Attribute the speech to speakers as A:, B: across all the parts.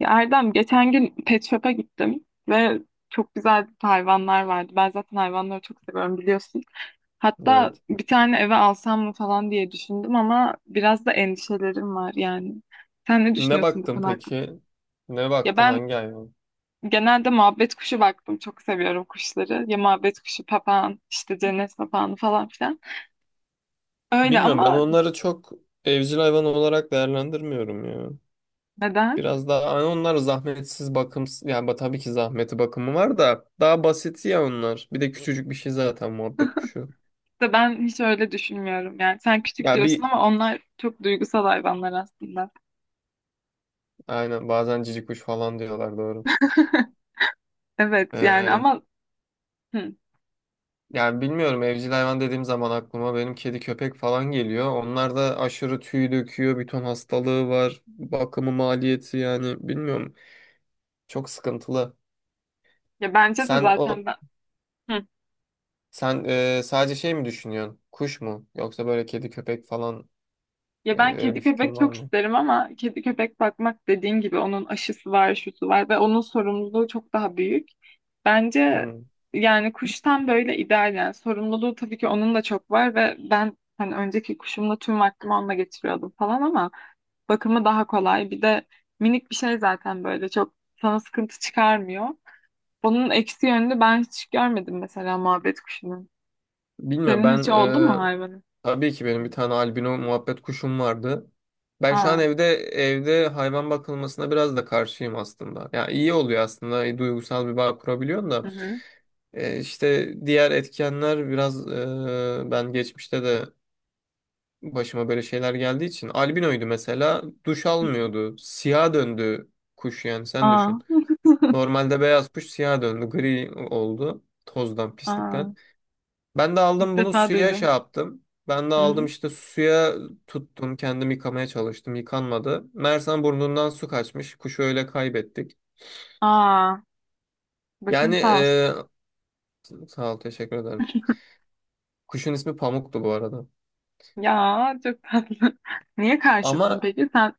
A: Ya Erdem, geçen gün pet shop'a gittim ve çok güzel hayvanlar vardı. Ben zaten hayvanları çok seviyorum, biliyorsun. Hatta
B: Evet.
A: bir tane eve alsam mı falan diye düşündüm, ama biraz da endişelerim var yani. Sen ne
B: Ne
A: düşünüyorsun bu
B: baktın
A: konu hakkında?
B: peki? Ne
A: Ya
B: baktın
A: ben
B: hangi hayvan?
A: genelde muhabbet kuşu baktım. Çok seviyorum kuşları. Ya muhabbet kuşu, papağan, işte cennet papağanı falan filan. Öyle
B: Bilmiyorum, ben
A: ama
B: onları çok evcil hayvan olarak değerlendirmiyorum ya.
A: neden?
B: Biraz daha hani onlar zahmetsiz bakım yani tabii ki zahmeti bakımı var da daha basiti ya onlar. Bir de küçücük bir şey zaten muhabbet kuşu.
A: İşte ben hiç öyle düşünmüyorum yani. Sen küçük
B: Ya
A: diyorsun ama onlar çok duygusal hayvanlar aslında.
B: aynen, bazen cici kuş falan diyorlar, doğru.
A: Evet yani
B: Ee,
A: ama hı,
B: yani bilmiyorum, evcil hayvan dediğim zaman aklıma benim kedi köpek falan geliyor. Onlar da aşırı tüy döküyor, bir ton hastalığı var, bakımı maliyeti, yani bilmiyorum. Çok sıkıntılı.
A: ya bence de
B: Sen o
A: zaten ben hı,
B: sen sadece şey mi düşünüyorsun? Kuş mu? Yoksa böyle kedi köpek falan
A: ya ben
B: öyle bir
A: kedi köpek
B: fikrin var
A: çok
B: mı?
A: isterim ama kedi köpek bakmak, dediğin gibi onun aşısı var, şusu var ve onun sorumluluğu çok daha büyük. Bence
B: Hmm.
A: yani kuştan böyle ideal, yani sorumluluğu tabii ki onun da çok var ve ben hani önceki kuşumla tüm vaktimi onunla geçiriyordum falan ama bakımı daha kolay. Bir de minik bir şey zaten, böyle çok sana sıkıntı çıkarmıyor. Onun eksi yönünü ben hiç görmedim mesela muhabbet kuşunun.
B: Bilmiyorum
A: Senin
B: ben,
A: hiç oldu mu hayvanın?
B: tabii ki benim bir tane albino muhabbet kuşum vardı. Ben şu an
A: Aa.
B: evde hayvan bakılmasına biraz da karşıyım aslında. Ya iyi oluyor aslında, duygusal bir bağ kurabiliyorsun da.
A: Hı hı.
B: E, işte diğer etkenler biraz, ben geçmişte de başıma böyle şeyler geldiği için. Albinoydu mesela. Duş
A: Hı hı.
B: almıyordu. Siyah döndü kuş, yani sen
A: Aa.
B: düşün. Normalde beyaz kuş siyah döndü. Gri oldu. Tozdan,
A: Aa.
B: pislikten. Ben de
A: İlk
B: aldım bunu
A: defa
B: suya şey
A: duydum.
B: yaptım. Ben de
A: Hı
B: aldım
A: hı.
B: işte suya tuttum. Kendim yıkamaya çalıştım. Yıkanmadı. Mersem burnundan su kaçmış. Kuşu öyle kaybettik.
A: Aa. Başın
B: Yani,
A: sağ olsun.
B: sağ ol, teşekkür ederim. Kuşun ismi Pamuk'tu bu arada.
A: Ya çok tatlı. Niye karşısın
B: Ama
A: peki? Sen.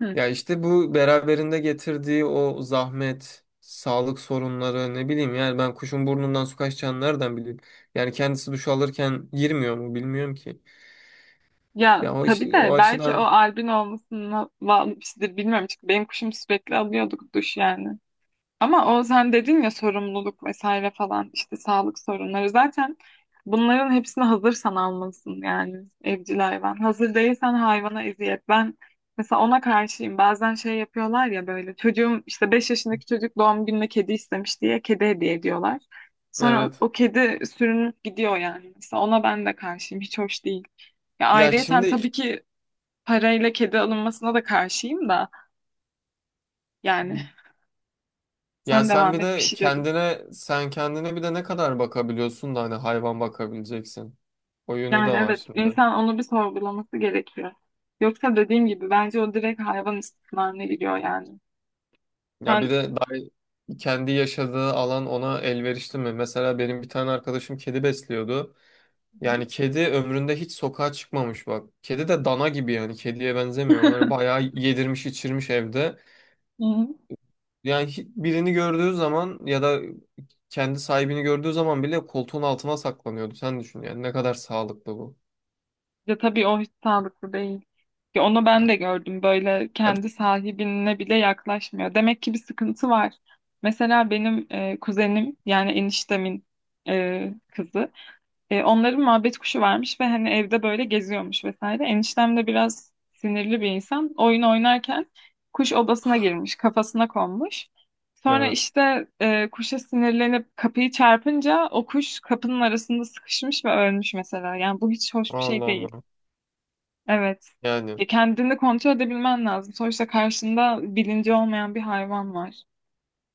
A: Hı.
B: Ya işte bu beraberinde getirdiği o zahmet, sağlık sorunları, ne bileyim, yani ben kuşun burnundan su kaçacağını nereden bileyim? Yani kendisi duş alırken girmiyor mu, bilmiyorum ki.
A: Ya
B: Ya o
A: tabii
B: işte o
A: de belki o
B: açıdan,
A: albin olmasına bağlı bir şeydir. Bilmiyorum, çünkü benim kuşum sürekli alıyorduk duş yani. Ama o, sen dedin ya, sorumluluk vesaire falan, işte sağlık sorunları, zaten bunların hepsini hazırsan almalısın yani evcil hayvan. Hazır değilsen hayvana eziyet. Ben mesela ona karşıyım. Bazen şey yapıyorlar ya, böyle çocuğum işte 5 yaşındaki çocuk doğum gününe kedi istemiş diye kedi hediye ediyorlar. Sonra
B: evet.
A: o kedi sürünüp gidiyor yani. Mesela ona ben de karşıyım. Hiç hoş değil. Ya
B: Ya
A: ayrıyeten
B: şimdi
A: tabii ki parayla kedi alınmasına da karşıyım da, yani
B: ya
A: sen
B: sen
A: devam
B: bir
A: et, bir
B: de
A: şey diyordun.
B: kendine sen kendine bir de ne kadar bakabiliyorsun da hani hayvan bakabileceksin. O yönü de
A: Yani
B: var
A: evet,
B: şimdi.
A: insan onu bir sorgulaması gerekiyor. Yoksa dediğim gibi bence o direkt hayvan istismarına giriyor yani.
B: Ya bir
A: Sen.
B: de daha kendi yaşadığı alan ona elverişli mi? Mesela benim bir tane arkadaşım kedi besliyordu.
A: Hı.
B: Yani kedi ömründe hiç sokağa çıkmamış, bak. Kedi de dana gibi, yani kediye benzemiyor. Böyle bayağı yedirmiş içirmiş evde.
A: Hı. Hı.
B: Yani birini gördüğü zaman ya da kendi sahibini gördüğü zaman bile koltuğun altına saklanıyordu. Sen düşün yani ne kadar sağlıklı bu.
A: Ya tabii o hiç sağlıklı değil. Ya onu ben
B: Yani,
A: de gördüm. Böyle
B: hep-
A: kendi sahibine bile yaklaşmıyor. Demek ki bir sıkıntı var. Mesela benim kuzenim, yani eniştemin kızı. Onların muhabbet kuşu varmış ve hani evde böyle geziyormuş vesaire. Eniştem de biraz sinirli bir insan. Oyun oynarken kuş odasına girmiş, kafasına konmuş. Sonra
B: evet.
A: işte kuşa sinirlenip kapıyı çarpınca o kuş kapının arasında sıkışmış ve ölmüş mesela. Yani bu hiç hoş bir şey
B: Allah
A: değil.
B: Allah.
A: Evet.
B: Yani,
A: Kendini kontrol edebilmen lazım. Sonuçta karşında bilinci olmayan bir hayvan var.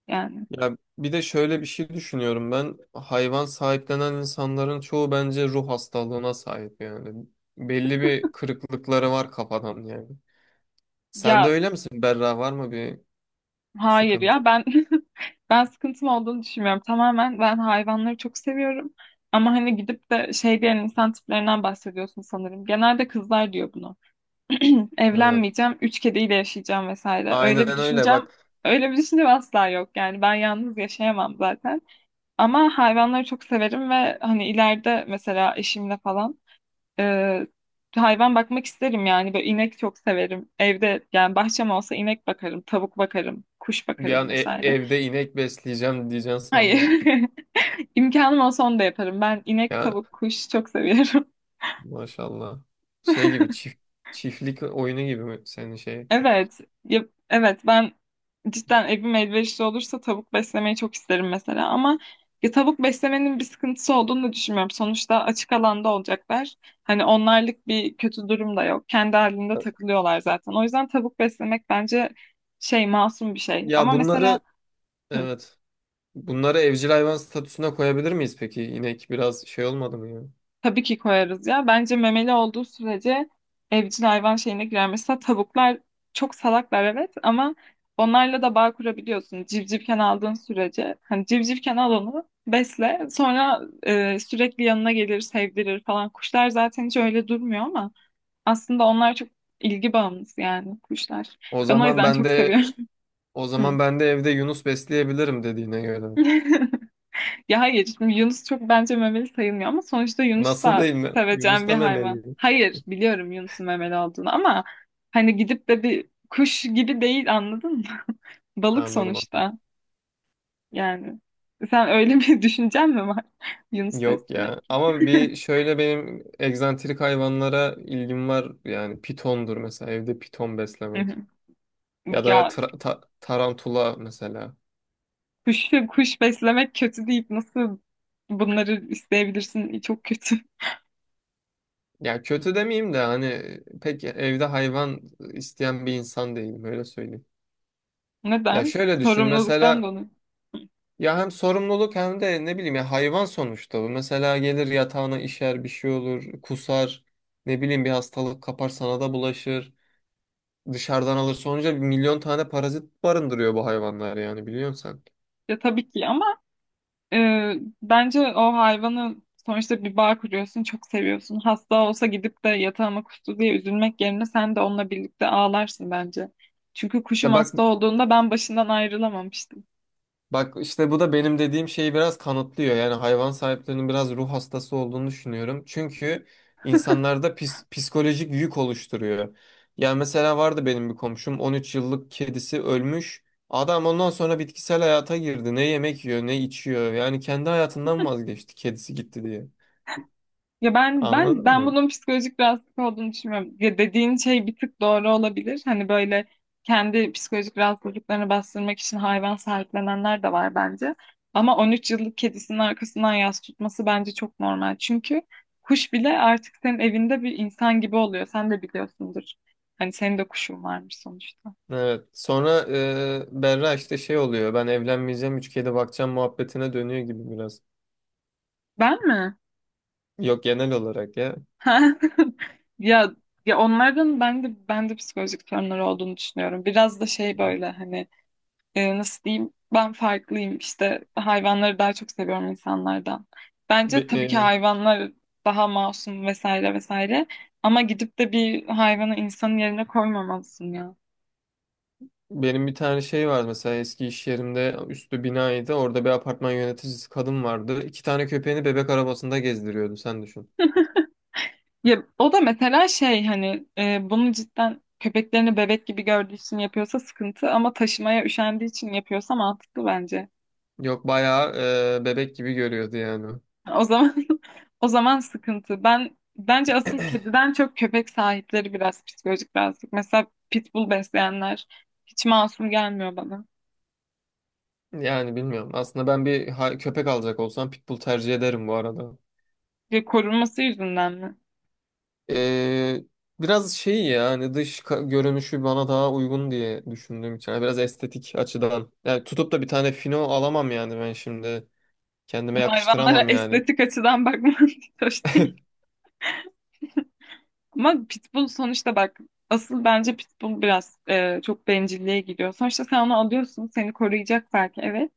A: Yani
B: ya bir de şöyle bir şey düşünüyorum ben. Hayvan sahiplenen insanların çoğu bence ruh hastalığına sahip yani. Belli bir kırıklıkları var kafadan yani. Sen de
A: ya.
B: öyle misin? Berra, var mı bir
A: Hayır ya,
B: sıkıntı?
A: ben ben sıkıntım olduğunu düşünmüyorum. Tamamen ben hayvanları çok seviyorum. Ama hani gidip de şey diyen insan tiplerinden bahsediyorsun sanırım. Genelde kızlar diyor bunu.
B: Evet.
A: Evlenmeyeceğim, üç kediyle yaşayacağım vesaire.
B: Aynen öyle. Bak,
A: Öyle bir düşüncem asla yok. Yani ben yalnız yaşayamam zaten. Ama hayvanları çok severim ve hani ileride mesela eşimle falan ee, hayvan bakmak isterim yani. Böyle inek çok severim. Evde, yani bahçem olsa, inek bakarım, tavuk bakarım, kuş bakarım vesaire.
B: evde inek besleyeceğim diyeceksin sandım.
A: Hayır. İmkanım olsa onu da yaparım. Ben inek,
B: Ya
A: tavuk, kuş çok seviyorum.
B: maşallah. Şey gibi, çiftlik oyunu gibi mi senin şey?
A: Evet. Ya, evet, ben cidden evim elverişli olursa tavuk beslemeyi çok isterim mesela, ama ya tavuk beslemenin bir sıkıntısı olduğunu da düşünmüyorum. Sonuçta açık alanda olacaklar. Hani onlarlık bir kötü durum da yok. Kendi halinde takılıyorlar zaten. O yüzden tavuk beslemek bence şey, masum bir şey.
B: Ya
A: Ama
B: bunları
A: mesela hı,
B: Evet. Bunları evcil hayvan statüsüne koyabilir miyiz peki? İnek biraz şey olmadı mı ya?
A: tabii ki koyarız ya. Bence memeli olduğu sürece evcil hayvan şeyine girer. Mesela tavuklar çok salaklar evet, ama onlarla da bağ kurabiliyorsun. Civcivken aldığın sürece. Hani civcivken al onu besle. Sonra sürekli yanına gelir, sevdirir falan. Kuşlar zaten hiç öyle durmuyor, ama aslında onlar çok ilgi bağımlısı yani, kuşlar.
B: O
A: Ben o
B: zaman
A: yüzden
B: ben
A: çok
B: de
A: seviyorum.
B: o
A: Hı.
B: zaman ben de evde Yunus besleyebilirim dediğine göre.
A: Ya hayır, şimdi Yunus çok bence memeli sayılmıyor, ama sonuçta Yunus
B: Nasıl,
A: da
B: değil mi? Yunus
A: seveceğim bir
B: da
A: hayvan.
B: memeliyim.
A: Hayır, biliyorum Yunus'un memeli olduğunu, ama hani gidip de bir kuş gibi değil, anladın mı? Balık
B: Anladım.
A: sonuçta yani. Sen öyle bir düşüncen mi var? Yunus
B: Yok
A: beslemek.
B: ya. Ama bir şöyle benim egzantrik hayvanlara ilgim var. Yani pitondur mesela, evde piton
A: Hı hı.
B: beslemek. Ya da
A: Ya
B: tarantula mesela.
A: kuş, kuş beslemek kötü deyip nasıl bunları isteyebilirsin? Çok kötü.
B: Ya, kötü demeyeyim de hani pek evde hayvan isteyen bir insan değilim, öyle söyleyeyim. Ya
A: Neden?
B: şöyle düşün
A: Sorumluluktan
B: mesela,
A: dolayı.
B: ya hem sorumluluk hem de ne bileyim, ya hayvan sonuçta bu. Mesela gelir yatağına işer, bir şey olur, kusar, ne bileyim, bir hastalık kapar, sana da bulaşır. Dışarıdan alırsa olunca bir milyon tane parazit barındırıyor bu hayvanlar, yani biliyorsun sen.
A: Ya tabii ki ama Ee, bence o hayvanı, sonuçta bir bağ kuruyorsun, çok seviyorsun. Hasta olsa gidip de yatağıma kustu diye üzülmek yerine sen de onunla birlikte ağlarsın bence. Çünkü kuşum
B: İşte bak,
A: hasta olduğunda ben başından ayrılamamıştım.
B: bak işte bu da benim dediğim şeyi biraz kanıtlıyor. Yani hayvan sahiplerinin biraz ruh hastası olduğunu düşünüyorum. Çünkü insanlarda psikolojik yük oluşturuyor. Yani mesela vardı benim bir komşum, 13 yıllık kedisi ölmüş. Adam ondan sonra bitkisel hayata girdi. Ne yemek yiyor, ne içiyor. Yani kendi hayatından vazgeçti, kedisi gitti diye.
A: Ya ben ben
B: Anladın
A: ben
B: mı?
A: bunun psikolojik rahatsızlık olduğunu düşünmüyorum. Ya dediğin şey bir tık doğru olabilir. Hani böyle kendi psikolojik rahatsızlıklarını bastırmak için hayvan sahiplenenler de var bence. Ama 13 yıllık kedisinin arkasından yas tutması bence çok normal. Çünkü kuş bile artık senin evinde bir insan gibi oluyor. Sen de biliyorsundur. Hani senin de kuşun varmış sonuçta.
B: Evet. Sonra Berra, işte şey oluyor. Ben evlenmeyeceğim, üç kedi bakacağım muhabbetine dönüyor gibi biraz.
A: Ben mi?
B: Yok, genel olarak ya.
A: Ya, ya onlardan ben de psikolojik sorunları olduğunu düşünüyorum. Biraz da şey
B: Evet.
A: böyle hani nasıl diyeyim, ben farklıyım işte, hayvanları daha çok seviyorum insanlardan. Bence
B: Be-
A: tabii ki
B: e,
A: hayvanlar daha masum vesaire vesaire, ama gidip de bir hayvanı insanın yerine koymamalısın ya.
B: benim bir tane şey var mesela, eski iş yerimde üstü binaydı. Orada bir apartman yöneticisi kadın vardı. İki tane köpeğini bebek arabasında gezdiriyordu. Sen düşün.
A: Ya o da mesela şey, hani bunu cidden köpeklerini bebek gibi gördüğü için yapıyorsa sıkıntı, ama taşımaya üşendiği için yapıyorsa mantıklı bence.
B: Yok, bayağı bebek gibi görüyordu yani.
A: O zaman o zaman sıkıntı. Ben, bence asıl kediden çok köpek sahipleri biraz psikolojik rahatsızlık. Mesela pitbull besleyenler hiç masum gelmiyor bana.
B: Yani bilmiyorum. Aslında ben köpek alacak olsam pitbull tercih ederim bu arada.
A: Ve korunması yüzünden mi?
B: Ee, biraz şey, ya hani görünüşü bana daha uygun diye düşündüğüm için. Yani biraz estetik açıdan. Yani tutup da bir tane fino alamam yani ben şimdi. Kendime
A: Hayvanlara
B: yakıştıramam yani.
A: estetik açıdan bakmak hiç hoş değil. Ama pitbull sonuçta bak, asıl bence pitbull biraz çok bencilliğe gidiyor. Sonuçta sen onu alıyorsun, seni koruyacak belki, evet.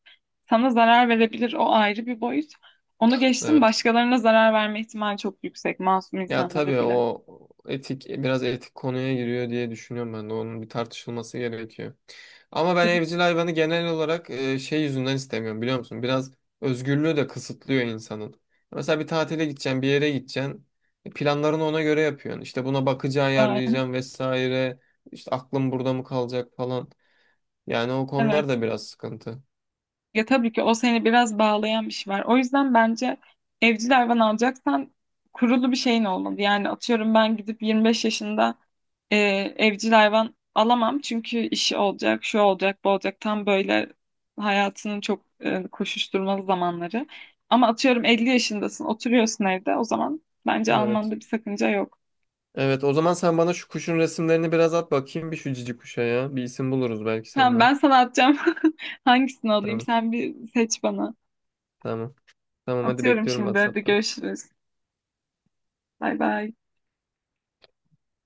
A: Sana zarar verebilir, o ayrı bir boyut. Onu geçtim,
B: Evet.
A: başkalarına zarar verme ihtimali çok yüksek, masum
B: Ya,
A: insanlara
B: tabii
A: bile.
B: o etik, biraz etik konuya giriyor diye düşünüyorum, ben de onun bir tartışılması gerekiyor. Ama ben evcil hayvanı genel olarak, şey yüzünden istemiyorum biliyor musun? Biraz özgürlüğü de kısıtlıyor insanın. Mesela bir tatile gideceksin, bir yere gideceksin. E, planlarını ona göre yapıyorsun. İşte buna bakıcı
A: Aa.
B: ayarlayacağım vesaire. İşte aklım burada mı kalacak falan. Yani o konular
A: Evet.
B: da biraz sıkıntı.
A: Ya tabii ki o seni biraz bağlayan bir şey var. O yüzden bence evcil hayvan alacaksan kurulu bir şeyin olmalı. Yani atıyorum ben gidip 25 yaşında e, evcil hayvan alamam. Çünkü işi olacak, şu olacak, bu olacak. Tam böyle hayatının çok koşuşturmalı zamanları. Ama atıyorum 50 yaşındasın, oturuyorsun evde. O zaman bence
B: Evet.
A: almanda bir sakınca yok.
B: Evet, o zaman sen bana şu kuşun resimlerini biraz at bakayım, bir şu cici kuşa ya. Bir isim buluruz belki
A: Tamam,
B: senden.
A: ben sana atacağım. Hangisini alayım?
B: Tamam,
A: Sen bir seç bana.
B: tamam. Tamam, hadi
A: Atıyorum
B: bekliyorum
A: şimdi. Hadi
B: WhatsApp'tan.
A: görüşürüz. Bay bay.